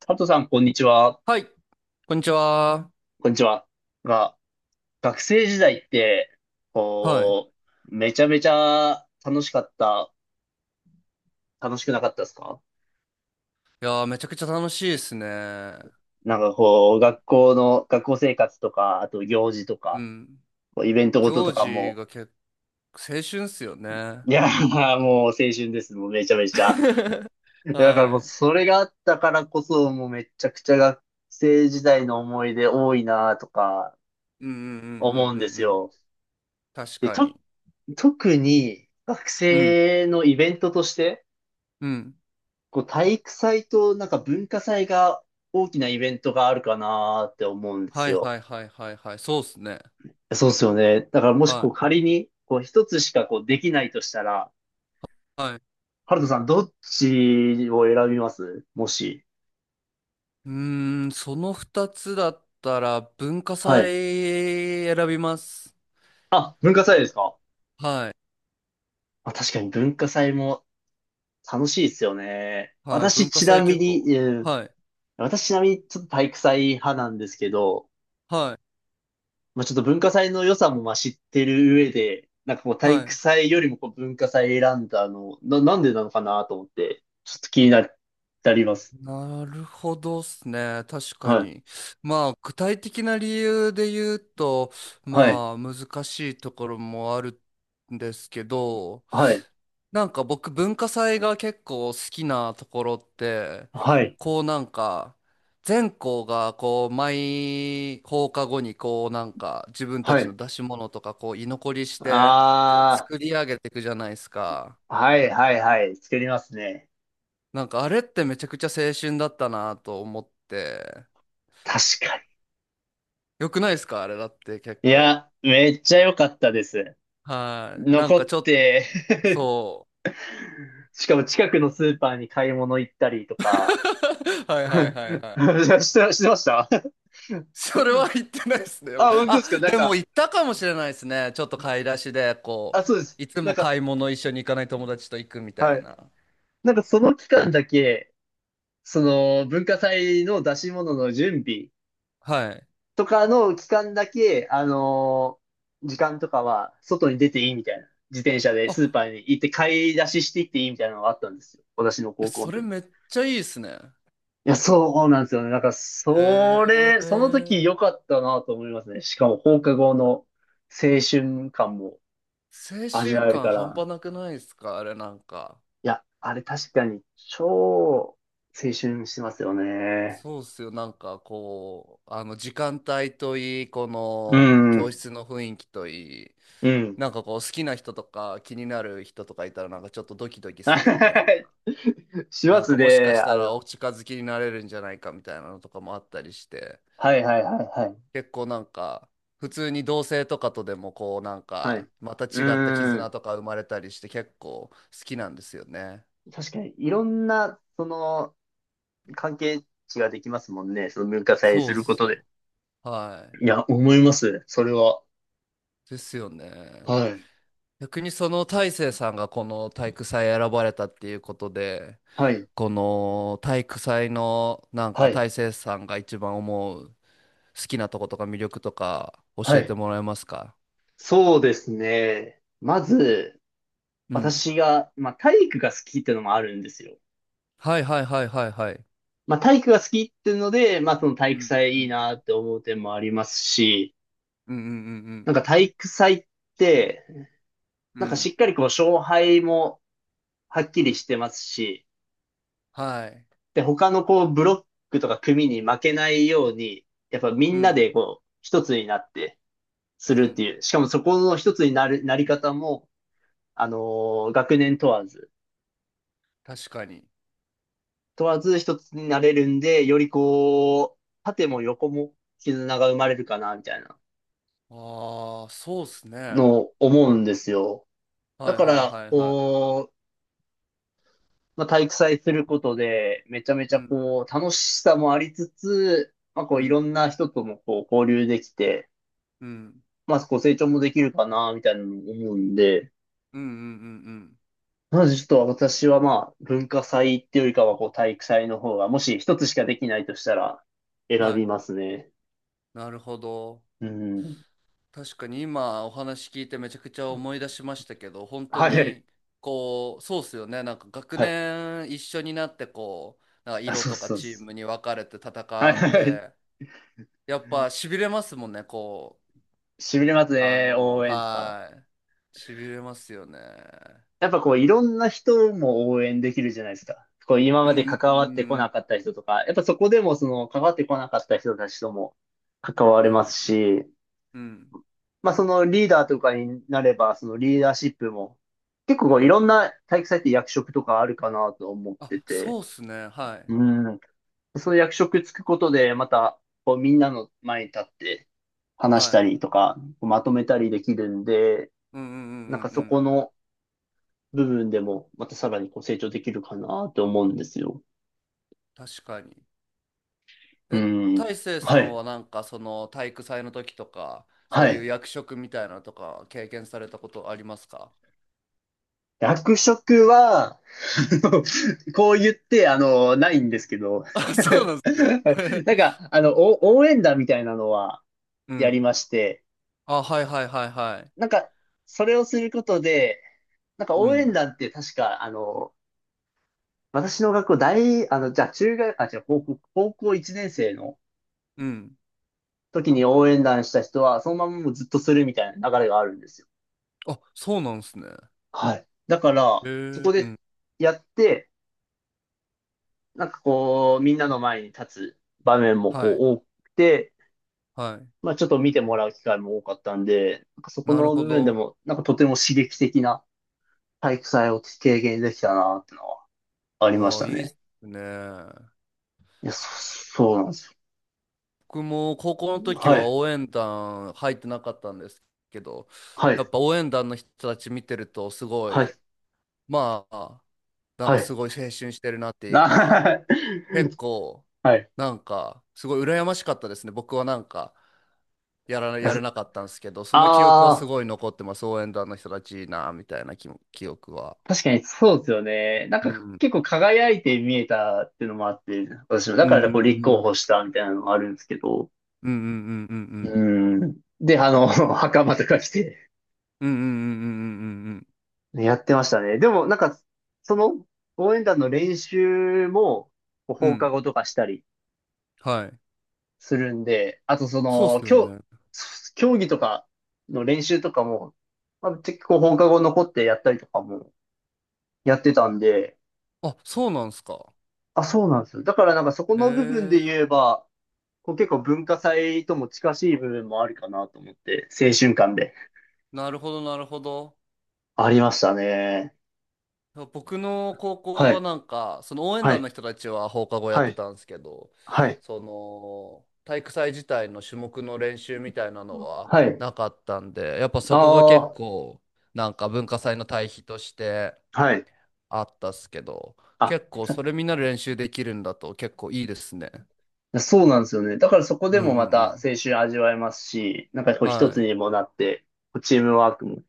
佐藤さん、こんにちは。はい、こんにちは。こんにちは。が、学生時代って、はい。こめちゃめちゃ楽しかった、楽しくなかったですか？いやー、めちゃくちゃ楽しいですね。なんかこう、学校の、学校生活とか、あと行事とうか、ん。こうイベントごとと行か事も、が結構青春っすよね。いやー、もう青春です。もうめちゃめちゃ。だからはもうい。それがあったからこそ、もうめちゃくちゃ学生時代の思い出多いなとかうんうんうんうん思うんでうすんうん。よ。確で、かに。と、特に学うん。生のイベントとして、うん。こう体育祭となんか文化祭が大きなイベントがあるかなーって思うんですはいはよ。いはいはいはい。そうっすね。そうですよね。だからもしはこうい。仮にこう一つしかこうできないとしたら、はい。ハルトさんどっちを選びます？もし。うーん、その二つだったら文化はい。祭選びます。あ、文化祭ですか？はい。あ、確かに文化祭も楽しいですよね。はい。私文化ち祭な結みに、構。うん、はい。私ちなみにちょっと体育祭派なんですけど、はまあちょっと文化祭の良さもまあ知ってる上で、なんかこうい。体は育い。祭よりもこう文化祭選んだの、なんでなのかなと思って、ちょっと気になります。なるほどっすね。確かはい。に。まあ、具体的な理由で言うと、はい。まあ、難しいところもあるんですけど、はい。僕、文化祭が結構好きなところって、はい。こう全校がこう、毎放課後に自分たはちい。の出し物とかこう、居残りして、こう、あ作り上げていくじゃないですか。あ、はいはいはい。作りますね。あれってめちゃくちゃ青春だったなと思って、確かよくないですかあれだって結に。い構。や、めっちゃ良かったです。はい。なん残かっちょっと、て そ しかも近くのスーパーに買い物行ったりとう。か。は いはいはいはい。して、してました。 それは言ってないですね。あ、本当であ、すか？なんでもか、言ったかもしれないですね。ちょっと買い出しで、こあ、そうです。う、いつなんもか、買い物一緒に行かない友達と行くみたはいい。な。なんかその期間だけ、その文化祭の出し物の準備はい。とかの期間だけ、時間とかは外に出ていいみたいな。自転車でスーあ、パーに行って買い出ししていっていいみたいなのがあったんですよ。私のえ高校そのれ時。めっちゃいいですね。いや、そうなんですよね。なんか、そへれ、その時え。良かったなと思いますね。しかも放課後の青春感も青味春わえる感か半ら。端なくないですかあれなんか。いや、あれ確かに超青春してますよね。そうっすよ。なんかこう、あの時間帯といい、こうの教ん、室の雰囲気といい、うん。なんかこう好きな人とか気になる人とかいたらなんかちょっとドキドキ はするみたいい、な。しまなんすかもしかね、しあたれらは。お近づきになれるんじゃないかみたいなのとかもあったりして、はいはいはいはい。結構なんか普通に同性とかとでもこうなんはい。かうまた違ったー絆ん。とか生まれたりして結構好きなんですよね。確かに、いろんな、その、関係値ができますもんね。その文化祭そすうっるこすとで。よ。はい。いや、思います。それは。ですよね。はい。逆にその大成さんがこの体育祭選ばれたっていうことで、はい。この体育祭のなんはかい。大成さんが一番思う好きなとことか魅力とかは教えてい。もらえますか？そうですね。まず、うん。私が、まあ、体育が好きってのもあるんですよ。はいはいはいはいはい。まあ、体育が好きっていうので、まあ、その体う育んう祭いいんなって思う点もありますし、うんうんうんなんか体育祭って、うなんかしん。っかりこう勝敗もはっきりしてますし、はい。で、他のこうブロックとか組に負けないように、やっぱみうんなんでこう一つになってすうるってん。いう、しかもそこの一つになる、なり方も、あの学年問わず、確かに。問わず一つになれるんで、よりこう、縦も横も絆が生まれるかな、みたいなああー、そうっすね。のはを思うんですよ。いだはいかはら、いはい。こう、まあ、体育祭することで、めちゃめちうゃんこう、楽しさもありつつ、まあ、こうう、いろんんな人ともこう、交流できて、うんまあ、こう、成長もできるかな、みたいなのも思うんで、うんうんうんまずちょっと私はまあ、文化祭っていうよりかは、こう、体育祭の方が、もし一つしかできないとしたら、うん。選はびい。ますね。なるほど。うん。確かに。今お話聞いてめちゃくちゃ思い出しましたけど、本当はいはい。にこう、そうっすよね。なんか学はい。年一緒になってこう、なんかあ、色そうとかそうでチーす。ムに分かれては戦いはっいはい。て、やっぱ痺れますもんね、こしびれますう。あね、の、応援とか。はい、痺れますよね。やっぱこういろんな人も応援できるじゃないですか。こう今うまでんう関わってこんなかった人とか、やっぱそこでもその関わってこなかった人たちとも関わうれんますし、うんうんまあそのリーダーとかになれば、そのリーダーシップも結構うこんうういろん。んな体育祭って役職とかあるかなと思っあ、てて、そうっすね。はいうん。その役職つくことでまたこうみんなの前に立って話しはたい。りとか、まとめたりできるんで、うんうんうんうんなんかうそこん。の部分でも、またさらにこう成長できるかなって思うんですよ。確かに。うえ、ん。大成さはんい。はなんかその体育祭の時とか、はそういうい。役職みたいなのとか経験されたことありますか？ 役職は、あの、こう言って、あの、ないんですけど。あ、そうなんですね。なんか、あの、お応援団みたいなのは うやん。りまして、あ、はいはいはいはい。なんか、それをすることで、なんかう応援ん。団って確か、あの、私の学校大、あの、じゃあ中学、あ、じゃあ高校、高校1年生のうん。時に応援団した人は、そのままもうずっとするみたいな流れがあるんですよ。あ、そうなんですね。はい。だかへら、え。そこうでん。やって、なんかこう、みんなの前に立つ場面もはこい。う多くて、はい。まあちょっと見てもらう機会も多かったんで、なんかそこなるのほ部分でど。も、なんかとても刺激的な体育祭を経験できたなってのはありましああ、たいいっね。すね。いや、そうなんです僕も高校のよ。時ははい、応援団入ってなかったんですけど、はやい、っぱ応援団の人たち見てるとすごはい、い、まあ、なんはかすい。ごい青春してるなっていうか、な 結構、はい。なんか、すごい羨ましかったですね。僕はなんか、やれなかったんですけど、その記憶はすああー。ごい残ってます。応援団の人たちいいな、みたいな記憶は。確かにそうですよね。なんうかん。結構輝いて見えたっていうのもあって、私も、だうからんこうう立候補んしたみたいなのもあるんですけど。うんうんうんううんん。で、あの、袴とか着てうんうんうんうんうんうんうんやってましたね。でもなんか、その応援団の練習もこううんう放課ん。後とかしたりはい。するんで、あとそそうっの、すよね。競技とかの練習とかも、まあ、結構放課後残ってやったりとかもやってたんで、あ、そうなんすか。あ、そうなんですよ。だからなんかそこへの部分でえ。言えば、こう結構文化祭とも近しい部分もあるかなと思って、青春感で。なるほど、なるほど。ありましたね。僕の高校ははい。なんか、その応援は団のい。人たちは放課後やっはてい。たんですけど、はい。その体育祭自体の種目の練習みたいなのははい。なかったんで、やっぱそこが結ああ、構なんか文化祭の対比としてはい。あったっすけど、あ。結構それみんなで練習できるんだと結構いいですね。あ、そうなんですよね。だからそこうでんうもまんうたん。青春味わえますし、なんかこう一はつい。にもなって、こうチームワークも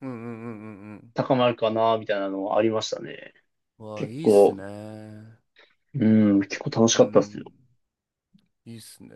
うんうんうんうん高まるかな、みたいなのはありましたね。うん。わあ、結いいっす構、ね。うん、結構楽しうかったっすよ。ん。いいっすね。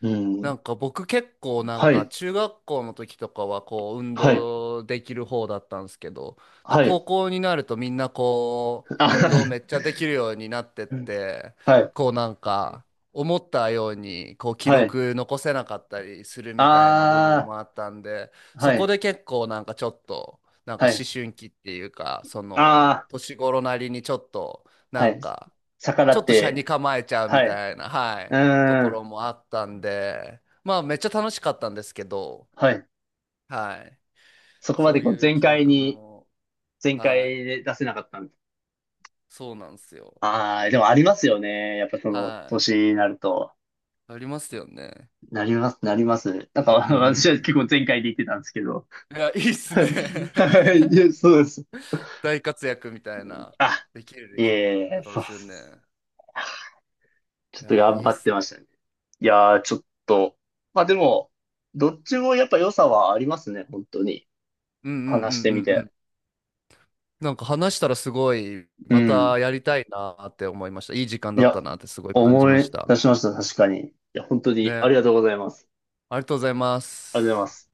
うなん。んか僕結構なんはかい。中学校の時とかはこう運はい。動できる方だったんですけど、なんはか高い。校になるとみんなこう運動あ、めっちゃできるようになってっ て、はい。こうなんか思ったようにこう記はい。録残せなかったりするみたいな部分あもあったんで、あ、そはこい。で結構なんかちょっとなんかは思い。春期っていうか、そのあ年頃なりにちょっとあ、なはんい。か逆らちょっっと車にて、構えちゃうみはい。うたいな、はい、とーこん、ろもあったんで、まあめっちゃ楽しかったんですけど、はい。はい、そこまそでうこういう全記開憶に、も、全はい、開で出せなかったんで。そうなんですよ。ああ、でもありますよね。やっぱそのは年い、になると。ありますよね。なります、なります。なんか う んう私は結ん構全開で言ってたんですけど。うん。いや、いいっ すね。はい、いやそうです。大活躍みたいな、あ、できいるえいっえ、てことそでうっすよす。ね。ちょっいとや、い頑い張っってすね。ましたね。いやー、ちょっと。まあでも、どっちもやっぱ良さはありますね、本当に。うんうんうんうん話してみうて。ん。なんか話したらすごい、うまん。たやりたいなって思いました。いい時間いだったや、なってすごい感じ思ましいた。出しました、確かに。いや、本当にありね。がとうございます。ありがとうございまありがとうごす。ざいます。